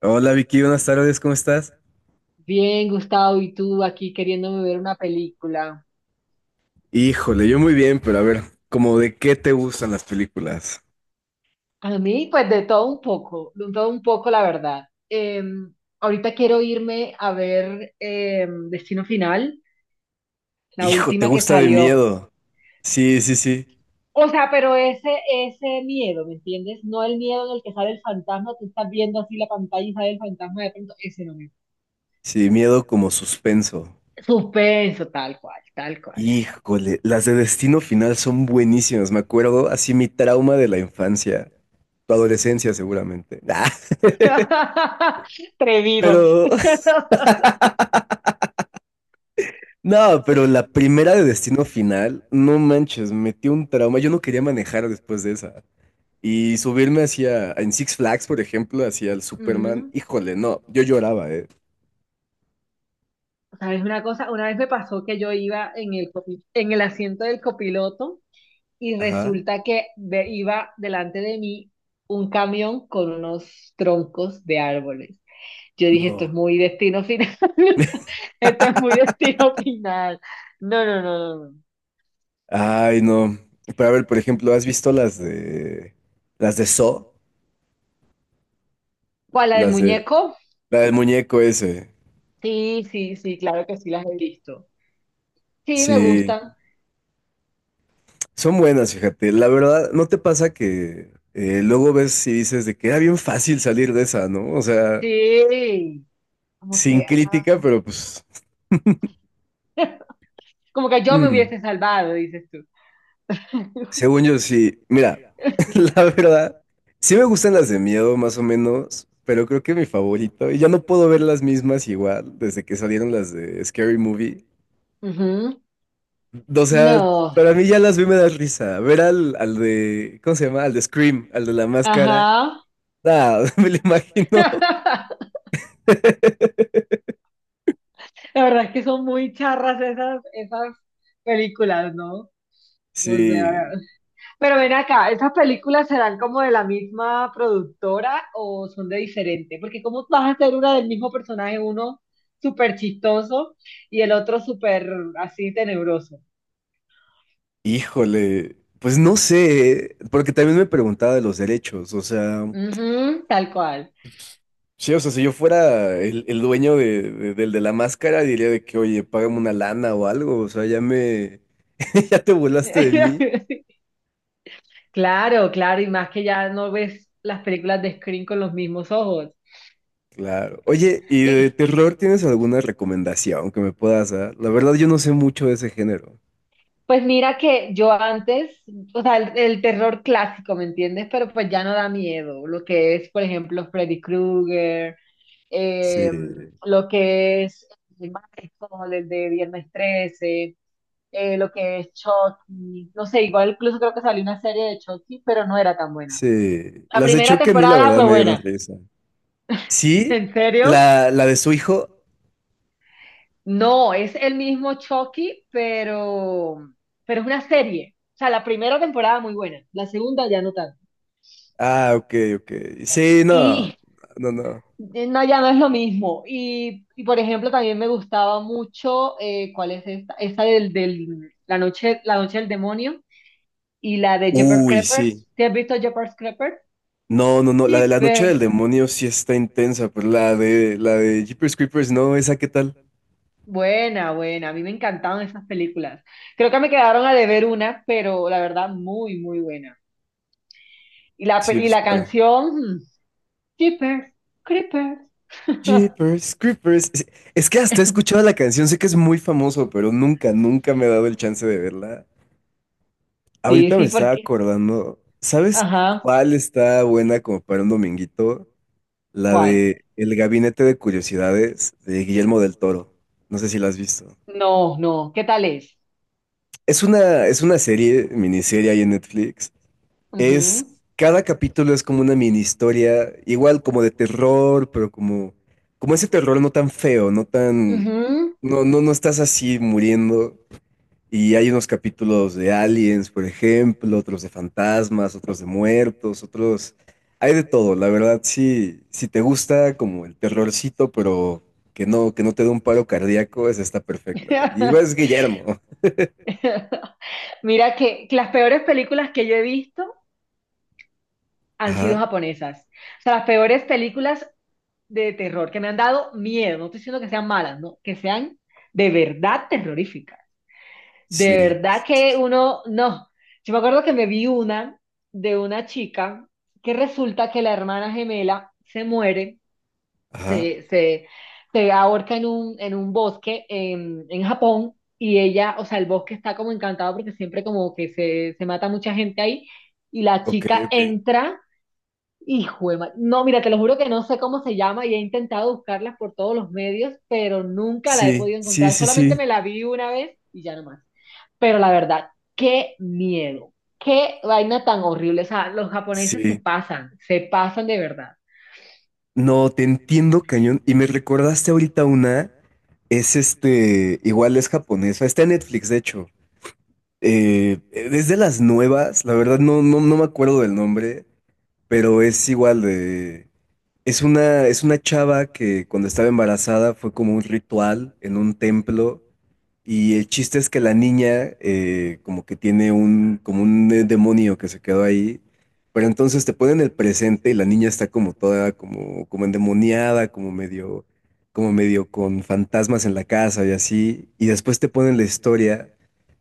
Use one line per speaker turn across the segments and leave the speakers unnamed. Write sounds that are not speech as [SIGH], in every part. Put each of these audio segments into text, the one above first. Hola Vicky, buenas tardes, ¿cómo estás?
Bien, Gustavo, y tú aquí queriéndome ver una película.
Híjole, yo muy bien, pero a ver, ¿como de qué te gustan las películas?
A mí, pues de todo un poco, de todo un poco, la verdad. Ahorita quiero irme a ver Destino Final, la
Hijo, ¿te
última que
gusta de
salió.
miedo? Sí, sí, sí.
O sea, pero ese miedo, ¿me entiendes? No el miedo en el que sale el fantasma, tú estás viendo así la pantalla y sale el fantasma de pronto, ese no me...
Sí, miedo como suspenso.
Suspenso, tal cual, tal cual.
Híjole, las de Destino Final son buenísimas, me acuerdo, así mi trauma de la infancia, tu adolescencia seguramente. [LAUGHS]
[LAUGHS]
Ah,
Atrevido.
pero,
[LAUGHS]
no, pero la primera de Destino Final, no manches, metió un trauma, yo no quería manejar después de esa. Y subirme hacia, en Six Flags, por ejemplo, hacia el Superman,
Ujú.
híjole, no, yo lloraba, ¿eh?
¿Sabes una cosa? Una vez me pasó que yo iba en en el asiento del copiloto y
Ajá,
resulta que iba delante de mí un camión con unos troncos de árboles. Yo dije, esto es
no.
muy destino final. [LAUGHS] Esto es muy destino final. No, no, no, no, no.
Ay, no. Pero a ver, por ejemplo, ¿has visto las de Saw?
¿Cuál, la del
Las de,
muñeco?
la del muñeco ese.
Sí, sí, sí, claro que sí las he visto. Sí, me
Sí,
gustan.
son buenas, fíjate. La verdad, ¿no te pasa que luego ves y dices de que era bien fácil salir de esa, ¿no? O sea,
Sí. Como
sin
que,
crítica,
ah,
pero pues...
como que yo me
Mm.
hubiese salvado, dices tú. [LAUGHS]
Según yo, sí. Mira, [LAUGHS] la verdad, sí me gustan las de miedo, más o menos, pero creo que mi favorito, y ya no puedo ver las mismas igual desde que salieron las de Scary Movie.
Ujú.
O sea,
No.
para mí ya las vi y me da risa. Ver al de, ¿cómo se llama? Al de Scream, al de la máscara.
Ajá.
Ah, [LAUGHS] me lo imagino.
[LAUGHS]
[LAUGHS]
La verdad es que son muy charras esas películas, ¿no? No sé, a
Sí,
ver. Pero ven acá, ¿esas películas serán como de la misma productora o son de diferente? Porque ¿cómo vas a hacer una del mismo personaje, uno súper chistoso y el otro súper así tenebroso?
híjole. Pues no sé, porque también me preguntaba de los derechos, o sea.
Ujú, tal cual.
Sí, o sea, si yo fuera el dueño de- del de la máscara, diría de que, oye, págame una lana o algo, o sea, ya me, [LAUGHS] ya te burlaste de mí.
[LAUGHS] Claro, claro, y más que ya no ves las películas de Scream con los mismos ojos.
Claro. Oye, ¿y de
y
terror tienes alguna recomendación que me puedas dar? La verdad, yo no sé mucho de ese género.
Pues mira que yo antes, o sea, el terror clásico, ¿me entiendes? Pero pues ya no da miedo. Lo que es, por ejemplo, Freddy Krueger,
Sí,
eh, lo que es el Michael, el de Viernes 13, lo que es Chucky. No sé, igual incluso creo que salió una serie de Chucky, pero no era tan buena.
sí.
La
Las de
primera
Chucky a mí, la
temporada
verdad,
fue
me dieron
buena.
risa. Sí,
¿En serio?
la de su hijo.
No, es el mismo Chucky, pero es una serie. O sea, la primera temporada muy buena, la segunda ya no tanto.
Ah, ok, ok. Sí, no,
Y
no, no.
no, ya no es lo mismo. Por ejemplo, también me gustaba mucho, ¿cuál es esta? Esta la noche del demonio y la de Jeepers
Uy, sí.
Creepers. ¿Te has visto Jeepers Creepers?
No, no, no, la de la noche del
Jeepers.
demonio sí está intensa, pero la de Jeepers Creepers no, ¿esa qué tal?
Buena, buena. A mí me encantaban esas películas. Creo que me quedaron a deber una, pero la verdad, muy, muy buena. Y la,
Sí,
y
pues
la
para
canción, Jeepers Creepers. [LAUGHS]
Jeepers Creepers. Es que hasta he escuchado la canción, sé que es muy famoso, pero nunca, nunca me he dado el chance de verla.
Sí,
Ahorita me
sí,
estaba
porque.
acordando, ¿sabes
Ajá.
cuál está buena como para un dominguito? La
¿Cuál?
de El Gabinete de Curiosidades de Guillermo del Toro. No sé si la has visto.
No, no. ¿Qué tal es?
Es una serie, miniserie ahí en Netflix. Es,
Ujú,
cada capítulo es como una mini historia, igual como de terror, pero como, como ese terror no tan feo, no tan,
ujú.
no, no, no estás así muriendo. Y hay unos capítulos de aliens, por ejemplo, otros de fantasmas, otros de muertos, otros, hay de todo, la verdad, sí, si te gusta como el terrorcito, pero que no te dé un paro cardíaco, esa está perfecta. Y igual es
[LAUGHS]
Guillermo.
Mira que las peores películas que yo he visto han sido
Ajá,
japonesas. O sea, las peores películas de terror que me han dado miedo. No estoy diciendo que sean malas, no, que sean de verdad terroríficas.
sí,
De verdad
sí, sí,
que
sí.
uno, no. Yo me acuerdo que me vi una de una chica que resulta que la hermana gemela se muere
Ajá,
se, se, se ahorca en un bosque en Japón y ella, o sea, el bosque está como encantado porque siempre como que se mata mucha gente ahí y la
ok,
chica
ok.
entra. Hijo de ma- No, mira, te lo juro que no sé cómo se llama y he intentado buscarla por todos los medios, pero nunca la he
Sí,
podido
sí,
encontrar.
sí,
Solamente
sí,
me la vi una vez y ya no más. Pero la verdad, qué miedo, qué vaina tan horrible. O sea, los japoneses
sí.
se pasan de verdad.
No, te entiendo, cañón. Y me recordaste ahorita una, es este, igual es japonesa, está en Netflix, de hecho. Es de las nuevas, la verdad no, no, no me acuerdo del nombre, pero es igual de... es una chava que cuando estaba embarazada fue como un ritual en un templo y el chiste es que la niña como que tiene un, como un demonio que se quedó ahí, pero entonces te ponen el presente y la niña está como toda como, como endemoniada, como medio con fantasmas en la casa y así, y después te ponen la historia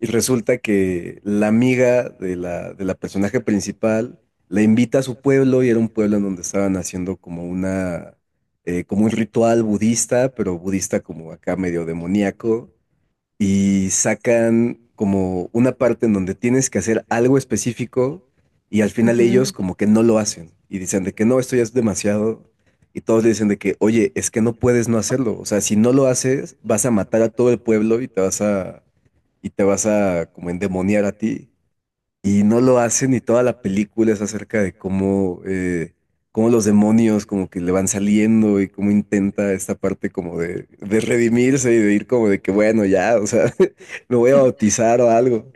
y resulta que la amiga de la personaje principal la invita a su pueblo y era un pueblo en donde estaban haciendo como una, como un ritual budista, pero budista como acá medio demoníaco, y sacan como una parte en donde tienes que hacer algo específico y al final ellos como que no lo hacen y dicen de que no, esto ya es demasiado y todos le dicen de que, oye, es que no puedes no hacerlo, o sea, si no lo haces vas a matar a todo el pueblo y te vas a, y te vas a como endemoniar a ti y no lo hacen y toda la película es acerca de cómo, cómo los demonios como que le van saliendo y cómo intenta esta parte como de redimirse y de ir como de que bueno, ya, o sea, [LAUGHS] me voy a bautizar o algo.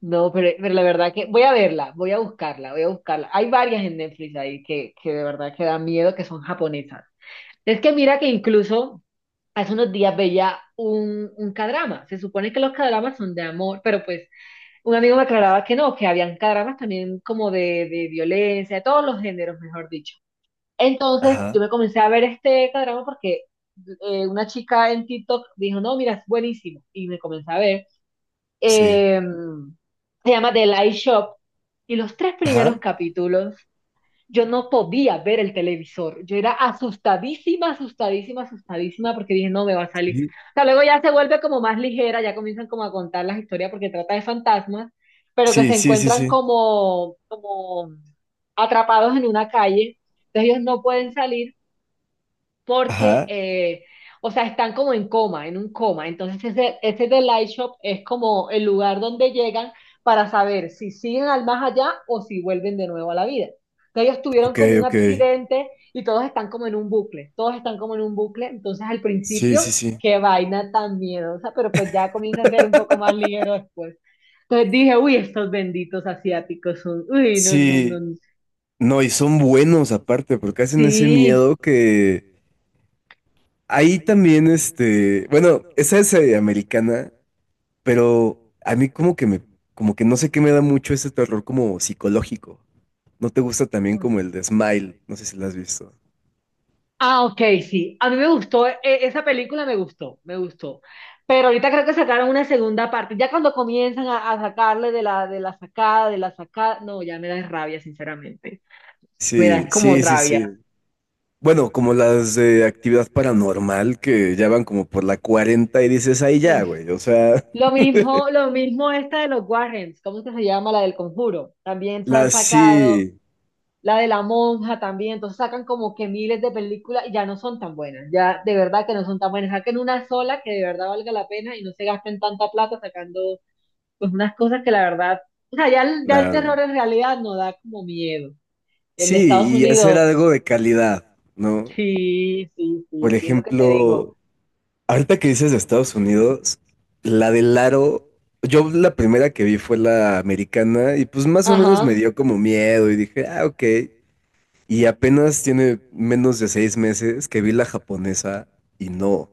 No, pero la verdad que voy a verla, voy a buscarla, voy a buscarla. Hay varias en Netflix ahí que de verdad que dan miedo, que son japonesas. Es que mira que incluso hace unos días veía un kdrama. Se supone que los kdramas son de amor, pero pues un amigo me aclaraba que no, que habían kdramas también como de violencia, de todos los géneros, mejor dicho. Entonces
Ajá,
yo me comencé a ver este kdrama porque una chica en TikTok dijo, no, mira, es buenísimo. Y me comencé a ver
sí.
eh, se llama The Light Shop. Y los tres primeros
Ajá,
capítulos, yo no podía ver el televisor. Yo era asustadísima, asustadísima, asustadísima, porque dije, no me va a salir.
sí,
O sea, luego ya se vuelve como más ligera, ya comienzan como a contar las historias porque trata de fantasmas, pero que
sí,
se
sí, sí,
encuentran
sí.
como, como atrapados en una calle. Entonces ellos no pueden salir porque,
Ajá,
o sea, están como en coma, en un coma. Entonces, ese The Light Shop es como el lugar donde llegan para saber si siguen al más allá o si vuelven de nuevo a la vida. Entonces, ellos tuvieron
ok,
como un
ok.
accidente y todos están como en un bucle, todos están como en un bucle. Entonces, al
Sí,
principio,
sí, sí.
qué vaina tan miedosa, pero pues ya comienza a ser un poco más ligero después. Entonces dije, uy, estos benditos asiáticos son, uy, no, no, no,
Sí,
no.
no, y son buenos aparte, porque hacen ese
sí,
miedo que ahí también, este, bueno, esa es americana, pero a mí como que me, como que no sé qué me da mucho ese terror como psicológico. ¿No te gusta también como el de Smile? No sé si la has visto.
Ah, ok, sí. A mí me gustó, esa película me gustó, me gustó. Pero ahorita creo que sacaron una segunda parte. Ya cuando comienzan a sacarle de de la sacada, no, ya me da rabia, sinceramente. Me da
Sí,
es como
sí, sí,
rabia.
sí. Bueno, como las de actividad paranormal que ya van como por la 40 y dices, ahí
Mm.
ya, güey. O sea,
Lo mismo esta de los Warrens, ¿cómo es que se llama? La del Conjuro.
[LAUGHS]
También se han
las
sacado,
sí,
la de la monja también. Entonces sacan como que miles de películas y ya no son tan buenas. Ya de verdad que no son tan buenas. Saquen una sola que de verdad valga la pena y no se gasten tanta plata sacando pues unas cosas que la verdad, o sea, ya el terror
claro.
en realidad no da como miedo. El de Estados
Sí, y hacer algo
Unidos,
de calidad, ¿no?
sí, sí, sí,
Por
sí, es lo que te digo.
ejemplo, ahorita que dices de Estados Unidos, la del aro, yo la primera que vi fue la americana y pues más o menos me
Ajá.
dio como miedo y dije, ah, ok. Y apenas tiene menos de 6 meses que vi la japonesa y no,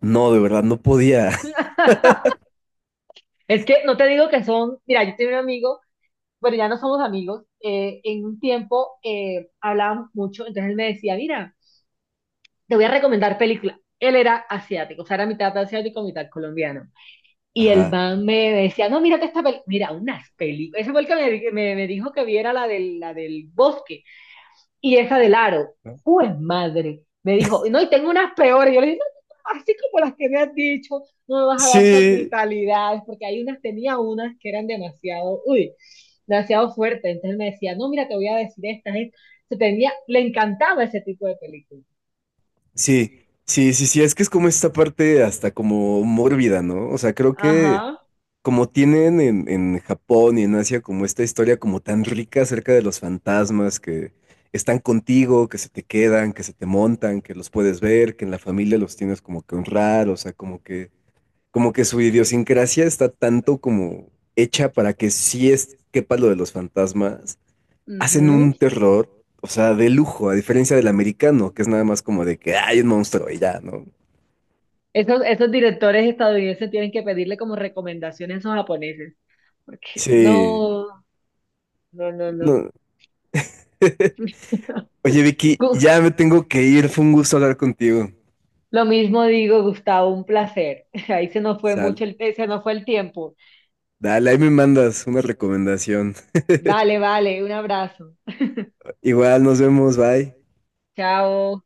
no, de verdad, no podía.
[LAUGHS] Es que no te digo que son, mira, yo tenía un amigo, bueno, ya no somos amigos, en un tiempo hablábamos mucho, entonces él me decía, mira, te voy a recomendar películas. Él era asiático, o sea, era mitad asiático, mitad colombiano.
[LAUGHS]
Y el
Ajá.
man me decía, no, mírate esta película, mira, unas películas. Ese fue el que me dijo que viera la del bosque. Esa del aro,
¿No?
pues madre, me dijo, no, y tengo unas peores, yo le dije, no, no, no, así como las que me has dicho, no me vas a dar esas
Sí,
brutalidades, porque hay unas, tenía unas que eran demasiado, uy, demasiado fuertes, entonces me decía, no, mira, te voy a decir estas, estas. Se tenía, le encantaba ese tipo de películas.
sí, sí, sí, sí, es que es como esta parte hasta como mórbida, ¿no? O sea, creo que
Ajá.
como tienen en Japón y en Asia como esta historia como tan rica acerca de los fantasmas que están contigo, que se te quedan, que se te montan, que los puedes ver, que en la familia los tienes como que honrar, o sea, como que su idiosincrasia está tanto como hecha para que si es quepa lo de los fantasmas, hacen
Ujú.
un terror, o sea, de lujo, a diferencia del americano, que es nada más como de que "Ah, hay un monstruo y ya, ¿no?"
Esos, esos directores estadounidenses tienen que pedirle como recomendaciones a esos japoneses, porque
Sí,
no, no, no, no.
no. [LAUGHS] Oye, Vicky,
[LAUGHS]
ya me tengo que ir. Fue un gusto hablar contigo.
Lo mismo digo, Gustavo, un placer. [LAUGHS] Ahí se nos fue
Sal.
mucho el, se nos fue el tiempo.
Dale, ahí me mandas una recomendación.
Vale, vale, un abrazo.
Igual, nos vemos. Bye.
Chao.